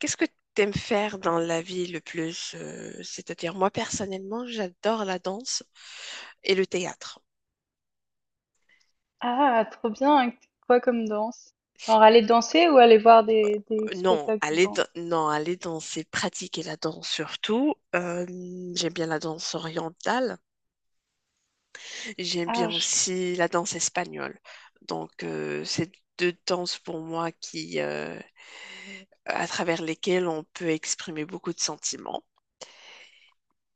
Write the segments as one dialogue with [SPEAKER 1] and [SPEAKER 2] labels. [SPEAKER 1] Qu'est-ce que tu aimes faire dans la vie le plus? C'est-à-dire, moi personnellement, j'adore la danse et le théâtre.
[SPEAKER 2] Ah, trop bien! Quoi comme danse? Genre aller danser ou aller voir des
[SPEAKER 1] Non,
[SPEAKER 2] spectacles de
[SPEAKER 1] aller,
[SPEAKER 2] danse?
[SPEAKER 1] non, aller danser, pratiquer la danse surtout. J'aime bien la danse orientale. J'aime
[SPEAKER 2] Ah,
[SPEAKER 1] bien
[SPEAKER 2] je-
[SPEAKER 1] aussi la danse espagnole. Donc, c'est deux danses pour moi à travers lesquelles on peut exprimer beaucoup de sentiments.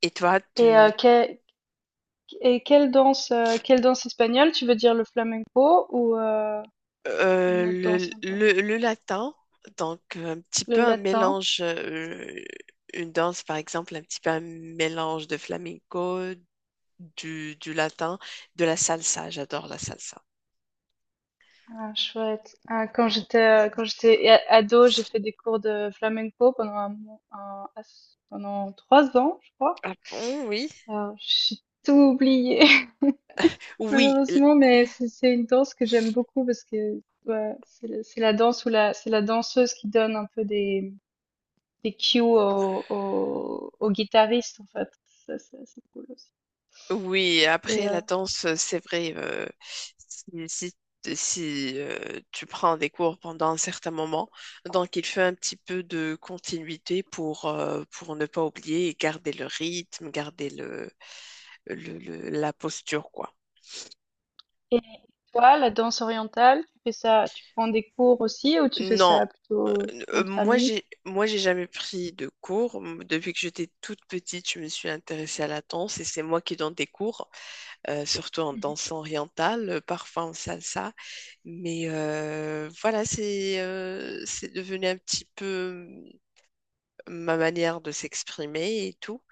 [SPEAKER 1] Et toi.
[SPEAKER 2] et, euh, que- et quelle danse espagnole? Tu veux dire le flamenco ou une
[SPEAKER 1] Euh,
[SPEAKER 2] autre
[SPEAKER 1] le,
[SPEAKER 2] danse un peu?
[SPEAKER 1] le- le latin, donc un petit
[SPEAKER 2] Le
[SPEAKER 1] peu un
[SPEAKER 2] latin?
[SPEAKER 1] mélange, une danse par exemple, un petit peu un mélange de flamenco, du latin, de la salsa, j'adore la salsa.
[SPEAKER 2] Ah, chouette. Ah, quand j'étais ado, j'ai fait des cours de flamenco pendant un, mo- un- pendant 3 ans, je crois.
[SPEAKER 1] Ah bon, oui.
[SPEAKER 2] Alors, j'ai tout oublié.
[SPEAKER 1] Oui, l-
[SPEAKER 2] Malheureusement, mais c'est une danse que j'aime beaucoup parce que ouais, c'est la danse où la c'est la danseuse qui donne un peu des cues au guitariste en fait. Ça, c'est cool aussi.
[SPEAKER 1] oui,
[SPEAKER 2] Et
[SPEAKER 1] après
[SPEAKER 2] euh,
[SPEAKER 1] la danse, c'est vrai, si, tu prends des cours pendant un certain moment, donc il fait un petit peu de continuité pour ne pas oublier et garder le rythme, garder la posture, quoi.
[SPEAKER 2] et toi, la danse orientale, tu fais ça, tu prends des cours aussi ou tu fais
[SPEAKER 1] Non,
[SPEAKER 2] ça
[SPEAKER 1] euh,
[SPEAKER 2] plutôt entre amis?
[SPEAKER 1] moi j'ai jamais pris de cours. Depuis que j'étais toute petite, je me suis intéressée à la danse et c'est moi qui donne des cours, surtout en danse orientale, parfois en salsa. Mais voilà, c'est devenu un petit peu euh, ma manière de s'exprimer et tout.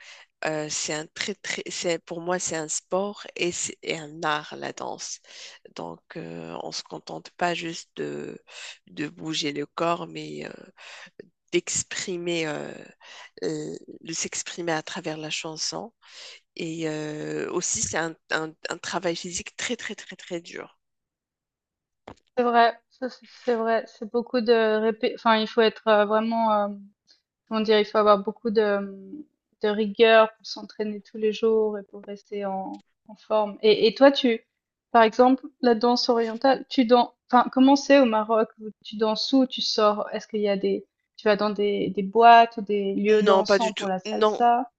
[SPEAKER 1] C'est un très, très, pour moi, c'est un sport et un art, la danse. Donc, on ne se contente pas juste de bouger le corps, mais d'exprimer, euh, euh, de s'exprimer à travers la chanson. Et aussi, c'est un travail physique très, très, très, très dur.
[SPEAKER 2] C'est vrai, ça, c'est vrai, c'est beaucoup de enfin il faut être vraiment. Comment dire? Il faut avoir beaucoup de rigueur pour s'entraîner tous les jours et pour rester en, en forme. Et toi, tu, par exemple, la danse orientale, tu danses, enfin, comment c'est au Maroc? Tu danses où? Tu sors? Est-ce qu'il y a tu vas dans des boîtes ou des lieux
[SPEAKER 1] Non, pas du
[SPEAKER 2] dansants
[SPEAKER 1] tout.
[SPEAKER 2] pour la
[SPEAKER 1] Non,
[SPEAKER 2] salsa?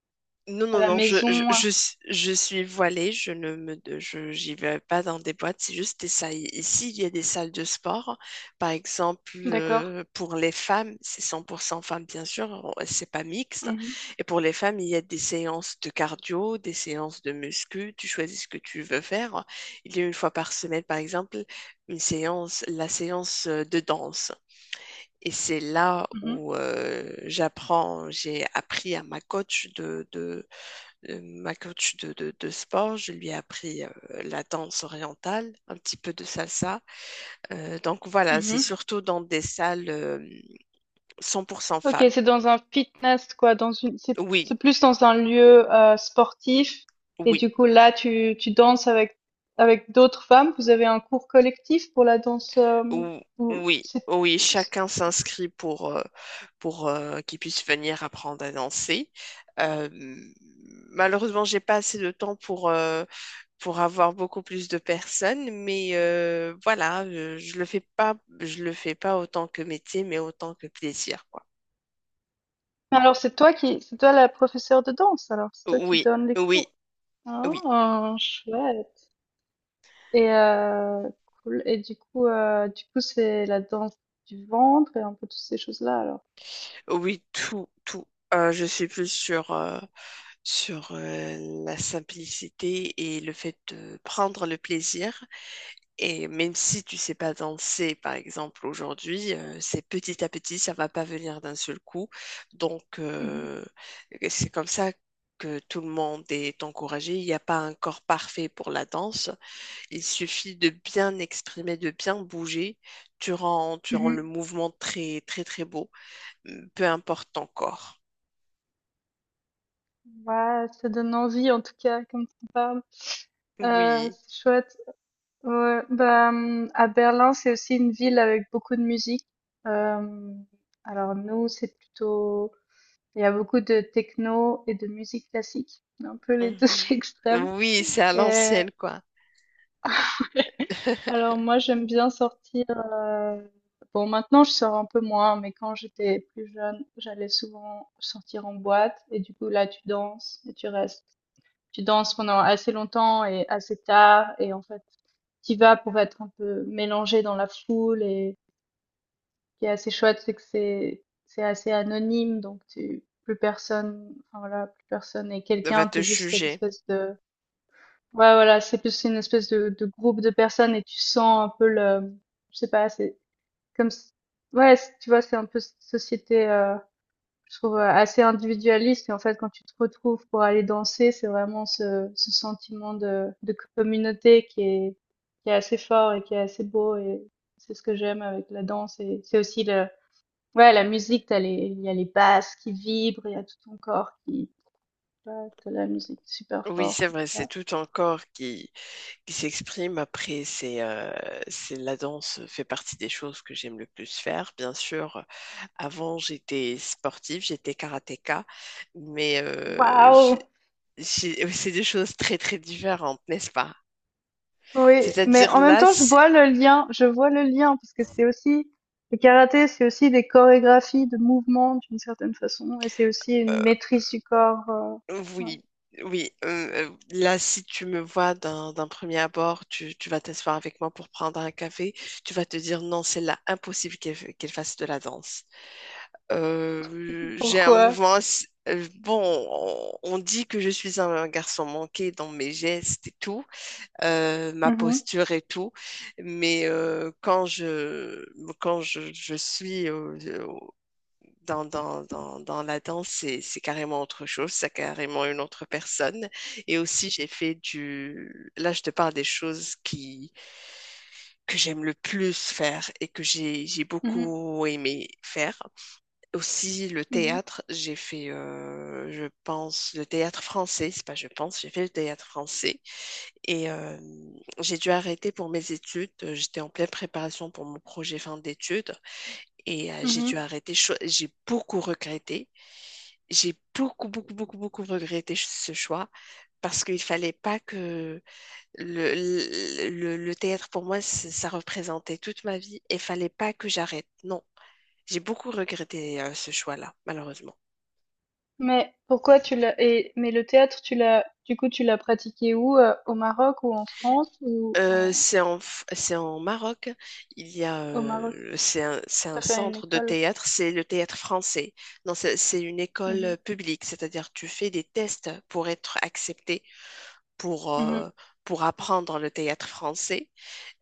[SPEAKER 1] non,
[SPEAKER 2] À
[SPEAKER 1] non,
[SPEAKER 2] la
[SPEAKER 1] non,
[SPEAKER 2] maison?
[SPEAKER 1] je suis voilée, je ne me, je, j'y vais pas dans des boîtes, c'est juste des salles. Ici, il y a des salles de sport. Par exemple,
[SPEAKER 2] D'accord.
[SPEAKER 1] pour les femmes, c'est 100% femmes, bien sûr, c'est pas mixte.
[SPEAKER 2] Mhm,
[SPEAKER 1] Et pour les femmes, il y a des séances de cardio, des séances de muscu, tu choisis ce que tu veux faire. Il y a une fois par semaine, par exemple, une séance, la séance de danse. Et c'est là où j'ai appris à ma coach de, ma coach de sport. Je lui ai appris la danse orientale, un petit peu de salsa. Donc voilà,
[SPEAKER 2] mhm,
[SPEAKER 1] c'est
[SPEAKER 2] mhm.
[SPEAKER 1] surtout dans des salles 100%
[SPEAKER 2] OK,
[SPEAKER 1] femmes.
[SPEAKER 2] c'est dans un fitness quoi, dans une c'est
[SPEAKER 1] Oui,
[SPEAKER 2] c'est plus dans un lieu, sportif, et
[SPEAKER 1] oui.
[SPEAKER 2] du coup là tu danses avec d'autres femmes? Vous avez un cours collectif pour la danse,
[SPEAKER 1] Ou-
[SPEAKER 2] ou
[SPEAKER 1] Oui,
[SPEAKER 2] c'est
[SPEAKER 1] oui,
[SPEAKER 2] c
[SPEAKER 1] chacun s'inscrit pour qu'il puisse venir apprendre à danser. Euh, Malheureusement, j'ai pas assez de temps pour avoir beaucoup plus de personnes, mais voilà, le fais pas, je le fais pas autant que métier, mais autant que plaisir, quoi.
[SPEAKER 2] alors, c'est toi qui c'est toi la professeure de danse alors? C'est toi qui
[SPEAKER 1] Oui,
[SPEAKER 2] donne les
[SPEAKER 1] oui,
[SPEAKER 2] cours?
[SPEAKER 1] oui,
[SPEAKER 2] Ah, chouette. Et cool. Et du coup, c'est la danse du ventre et un peu toutes ces choses-là alors?
[SPEAKER 1] oui, tout, tout. Je suis plus sur, sur euh, la simplicité et le fait de prendre le plaisir. Et même si tu sais pas danser, par exemple, aujourd'hui, c'est petit à petit, ça va pas venir d'un seul coup. Donc,
[SPEAKER 2] Mmh.
[SPEAKER 1] c'est comme ça que tout le monde est encouragé. Il n'y a pas un corps parfait pour la danse. Il suffit de bien exprimer, de bien bouger. Tu rends le
[SPEAKER 2] Mmh.
[SPEAKER 1] mouvement très, très, très beau, peu importe ton corps.
[SPEAKER 2] Ouais, ça donne envie en tout cas, comme tu parles.
[SPEAKER 1] Oui.
[SPEAKER 2] C'est chouette. Ouais, bah, à Berlin, c'est aussi une ville avec beaucoup de musique. Euh, alors nous, c'est plutôt... Il y a beaucoup de techno et de musique classique, un peu les deux
[SPEAKER 1] Mhm.
[SPEAKER 2] extrêmes.
[SPEAKER 1] Oui, c'est à
[SPEAKER 2] Et
[SPEAKER 1] l'ancienne, quoi.
[SPEAKER 2] alors moi, j'aime bien sortir. euh, Bon, maintenant, je sors un peu moins, mais quand j'étais plus jeune, j'allais souvent sortir en boîte. Et du coup, là, tu danses et tu restes. Tu danses pendant assez longtemps et assez tard, et en fait tu vas pour être un peu mélangé dans la foule. Et ce qui est assez chouette, c'est que c'est assez anonyme, donc tu plus personne, enfin, voilà, plus personne, et
[SPEAKER 1] Va
[SPEAKER 2] quelqu'un
[SPEAKER 1] te
[SPEAKER 2] t'es juste cette
[SPEAKER 1] juger.
[SPEAKER 2] espèce de, ouais, voilà, c'est plus une espèce de groupe de personnes, et tu sens un peu le, je sais pas, c'est comme si- ouais, tu vois, c'est un peu cette société, je trouve, assez individualiste. Et en fait, quand tu te retrouves pour aller danser, c'est vraiment ce sentiment de communauté qui est assez fort et qui est assez beau. Et c'est ce que j'aime avec la danse. Et c'est aussi ouais, la musique, il y a les basses qui vibrent, il y a tout ton corps qui, ouais, t'as la musique super
[SPEAKER 1] Oui, c'est
[SPEAKER 2] forte, et tout
[SPEAKER 1] vrai, c'est
[SPEAKER 2] ça.
[SPEAKER 1] tout ton corps qui, s'exprime. Après, c'est la danse fait partie des choses que j'aime le plus faire. Bien sûr, avant, j'étais sportive, j'étais karatéka, mais
[SPEAKER 2] Waouh!
[SPEAKER 1] j'ai- c'est des choses très, très différentes, n'est-ce pas?
[SPEAKER 2] Oui, mais
[SPEAKER 1] C'est-à-dire
[SPEAKER 2] en même
[SPEAKER 1] là,
[SPEAKER 2] temps, je
[SPEAKER 1] si-
[SPEAKER 2] vois le lien, je vois le lien, parce que c'est aussi, le karaté, c'est aussi des chorégraphies de mouvements d'une certaine façon, et c'est aussi
[SPEAKER 1] euh,
[SPEAKER 2] une maîtrise du corps. Ouais.
[SPEAKER 1] oui. Oui, là, si tu me vois d'un premier abord, tu vas t'asseoir avec moi pour prendre un café, tu vas te dire non, c'est là impossible qu'elle fasse de la danse. J'ai un
[SPEAKER 2] Pourquoi?
[SPEAKER 1] mouvement. Bon, on dit que je suis un garçon manqué dans mes gestes et tout, ma
[SPEAKER 2] Mhm,
[SPEAKER 1] posture et tout, mais je suis dans la danse, c'est carrément autre chose, c'est carrément une autre personne. Et aussi, j'ai fait du... Là, je te parle des choses que j'aime le plus faire et que j'ai
[SPEAKER 2] mhm,
[SPEAKER 1] beaucoup aimé faire. Aussi, le théâtre, j'ai fait, je pense, le théâtre français. C'est pas je pense, j'ai fait le théâtre français. Et j'ai dû arrêter pour mes études. J'étais en pleine préparation pour mon projet fin d'études. Et
[SPEAKER 2] mhm,
[SPEAKER 1] j'ai dû
[SPEAKER 2] mhm.
[SPEAKER 1] arrêter. J'ai beaucoup regretté. J'ai beaucoup, beaucoup, beaucoup, beaucoup regretté ce choix parce qu'il fallait pas que le théâtre, pour moi, ça représentait toute ma vie. Et fallait pas que j'arrête. Non. J'ai beaucoup regretté ce choix-là, malheureusement.
[SPEAKER 2] Mais, pourquoi tu l'as, et, mais le théâtre, tu l'as, du coup, tu l'as pratiqué où? Au Maroc ou en France ou
[SPEAKER 1] Euh,
[SPEAKER 2] en,
[SPEAKER 1] c'est en, F- c'est en Maroc. Il y a,
[SPEAKER 2] au Maroc?
[SPEAKER 1] c'est un
[SPEAKER 2] T'as fait une
[SPEAKER 1] centre de
[SPEAKER 2] école?
[SPEAKER 1] théâtre. C'est le théâtre français. Non, c'est une école
[SPEAKER 2] Mhm,
[SPEAKER 1] publique, c'est-à-dire tu fais des tests pour être accepté pour
[SPEAKER 2] mhm,
[SPEAKER 1] euh, pour apprendre le théâtre français.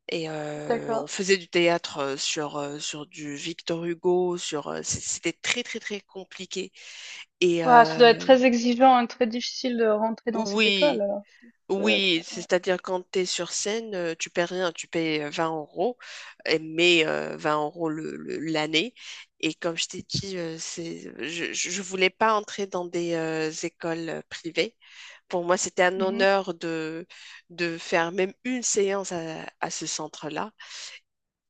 [SPEAKER 1] Et on
[SPEAKER 2] d'accord.
[SPEAKER 1] faisait du théâtre sur sur du Victor Hugo. Sur c'était très très très compliqué. Et
[SPEAKER 2] Ouah, ça doit être très exigeant et très difficile de rentrer dans cette école,
[SPEAKER 1] oui.
[SPEAKER 2] alors. Ça doit être-
[SPEAKER 1] Oui,
[SPEAKER 2] ouais.
[SPEAKER 1] c'est-à-dire quand tu es sur scène, tu paies rien, tu payes 20 euros, mais 20 euros l'année. Et comme je t'ai dit, c'est, je voulais pas entrer dans des écoles privées. Pour moi, c'était un
[SPEAKER 2] Mmh, mh.
[SPEAKER 1] honneur de faire même une séance à ce centre-là.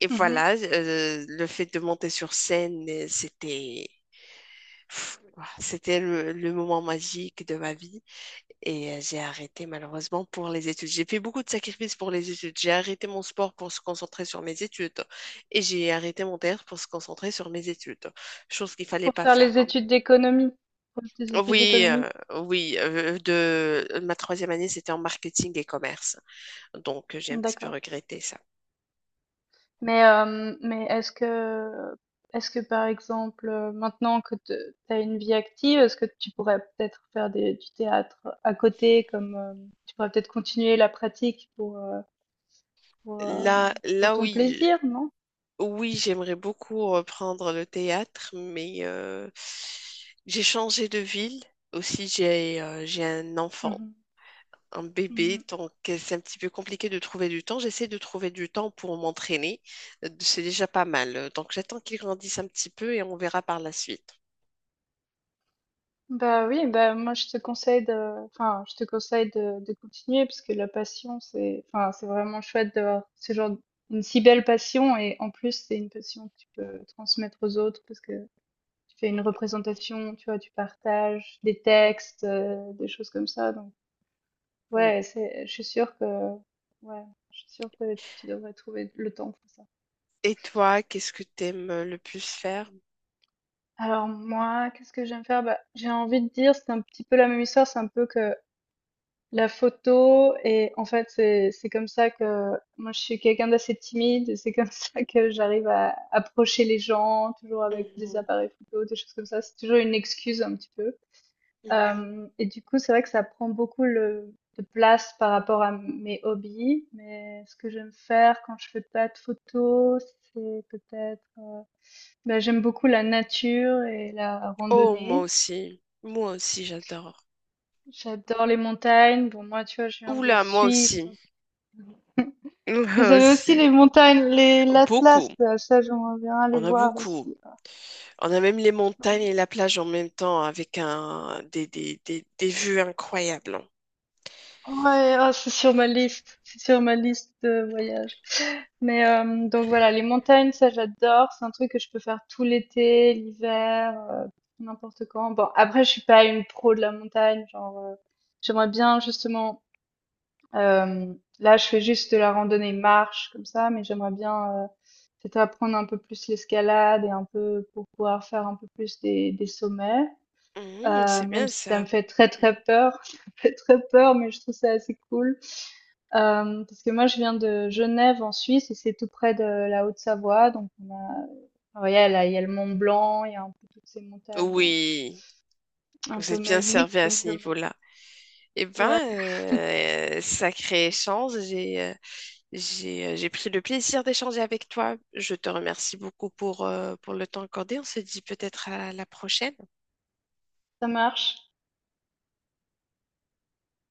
[SPEAKER 1] Et
[SPEAKER 2] Mmh.
[SPEAKER 1] voilà, le fait de monter sur scène, pff, c'était le moment magique de ma vie. Et j'ai arrêté malheureusement pour les études. J'ai fait beaucoup de sacrifices pour les études. J'ai arrêté mon sport pour se concentrer sur mes études. Et j'ai arrêté mon théâtre pour se concentrer sur mes études. Chose qu'il fallait
[SPEAKER 2] Pour
[SPEAKER 1] pas
[SPEAKER 2] faire
[SPEAKER 1] faire.
[SPEAKER 2] les
[SPEAKER 1] Hein.
[SPEAKER 2] études d'économie? Pour tes études
[SPEAKER 1] Oui,
[SPEAKER 2] d'économie?
[SPEAKER 1] oui. Ma troisième année, c'était en marketing et commerce. Donc j'ai un petit peu
[SPEAKER 2] D'accord.
[SPEAKER 1] regretté ça.
[SPEAKER 2] Mais, hem, mais est-ce que par exemple, maintenant que te tu as une vie active, est-ce que tu pourrais peut-être faire des du théâtre à côté, comme, tu pourrais peut-être continuer la pratique pour,
[SPEAKER 1] Là,
[SPEAKER 2] pour
[SPEAKER 1] là
[SPEAKER 2] ton
[SPEAKER 1] oui,
[SPEAKER 2] plaisir, non?
[SPEAKER 1] oui, j'aimerais beaucoup reprendre le théâtre, mais j'ai changé de ville. Aussi, j'ai un enfant.
[SPEAKER 2] Mmh.
[SPEAKER 1] Un bébé,
[SPEAKER 2] Mmh.
[SPEAKER 1] donc c'est un petit peu compliqué de trouver du temps. J'essaie de trouver du temps pour m'entraîner. C'est déjà pas mal. Donc j'attends qu'il grandisse un petit peu et on verra par la suite.
[SPEAKER 2] Bah oui, bah moi je te conseille de, enfin je te conseille de continuer, parce que la passion c'est, enfin c'est vraiment chouette d'avoir ce genre, une si belle passion, et en plus c'est une passion que tu peux transmettre aux autres, parce que tu fais une représentation, tu vois, tu partages des
[SPEAKER 1] Mm.
[SPEAKER 2] textes, des choses comme ça. Donc
[SPEAKER 1] Oui.
[SPEAKER 2] ouais, c'est, je suis sûre que, ouais, je suis sûre que tu devrais trouver le temps pour ça.
[SPEAKER 1] Et toi, qu'est-ce que t'aimes le plus faire?
[SPEAKER 2] Alors moi, qu'est-ce que j'aime faire? Bah j'ai envie de dire c'est un petit peu la même histoire, c'est un peu que la photo, et en fait c'est comme ça que moi je suis quelqu'un d'assez timide, et c'est comme ça que j'arrive à approcher les gens toujours avec des
[SPEAKER 1] Mhm,
[SPEAKER 2] appareils photo, des choses comme ça, c'est toujours une excuse un petit peu.
[SPEAKER 1] mhm.
[SPEAKER 2] Et du coup c'est vrai que ça prend beaucoup de place par rapport à mes hobbies, mais ce que j'aime faire quand je fais pas de photos, c'est peut-être ben, j'aime beaucoup la nature et la
[SPEAKER 1] Oh, moi
[SPEAKER 2] randonnée.
[SPEAKER 1] aussi. Moi aussi, j'adore.
[SPEAKER 2] J'adore les montagnes. Bon, moi, tu vois, je viens de la
[SPEAKER 1] Oula, moi aussi.
[SPEAKER 2] Suisse.
[SPEAKER 1] Moi
[SPEAKER 2] Vous avez aussi
[SPEAKER 1] aussi.
[SPEAKER 2] les montagnes, les l'Atlas,
[SPEAKER 1] Beaucoup.
[SPEAKER 2] là, ça j'aimerais bien aller
[SPEAKER 1] On a
[SPEAKER 2] voir
[SPEAKER 1] beaucoup.
[SPEAKER 2] aussi.
[SPEAKER 1] On a même les montagnes et la plage en même temps avec un, des vues incroyables.
[SPEAKER 2] Ouais, ah, c'est sur ma liste, c'est sur ma liste de voyage. Mais donc voilà, les montagnes, ça j'adore, c'est un truc que je peux faire tout l'été, l'hiver, n'importe quand. Bon, après je suis pas une pro de la montagne, genre j'aimerais bien justement, euh, là je fais juste de la randonnée marche comme ça, mais j'aimerais bien peut-être apprendre un peu plus l'escalade, et un peu pour pouvoir faire un peu plus des sommets.
[SPEAKER 1] Mhm, c'est
[SPEAKER 2] Même
[SPEAKER 1] bien
[SPEAKER 2] si ça
[SPEAKER 1] ça.
[SPEAKER 2] me fait très, très peur, ça me fait très peur, mais je trouve ça assez cool. Parce que moi je viens de Genève en Suisse, et c'est tout près de la Haute-Savoie, donc on a, enfin voilà, là, il y a le Mont Blanc, il y a un peu toutes ces montagnes,
[SPEAKER 1] Oui,
[SPEAKER 2] un
[SPEAKER 1] vous
[SPEAKER 2] peu
[SPEAKER 1] êtes bien
[SPEAKER 2] magiques,
[SPEAKER 1] servi à
[SPEAKER 2] donc
[SPEAKER 1] ce
[SPEAKER 2] je me
[SPEAKER 1] niveau-là. Eh ben,
[SPEAKER 2] ouais,
[SPEAKER 1] sacré échange, j'ai pris le plaisir d'échanger avec toi. Je te remercie beaucoup pour le temps accordé. On se dit peut-être à la prochaine.
[SPEAKER 2] ça marche.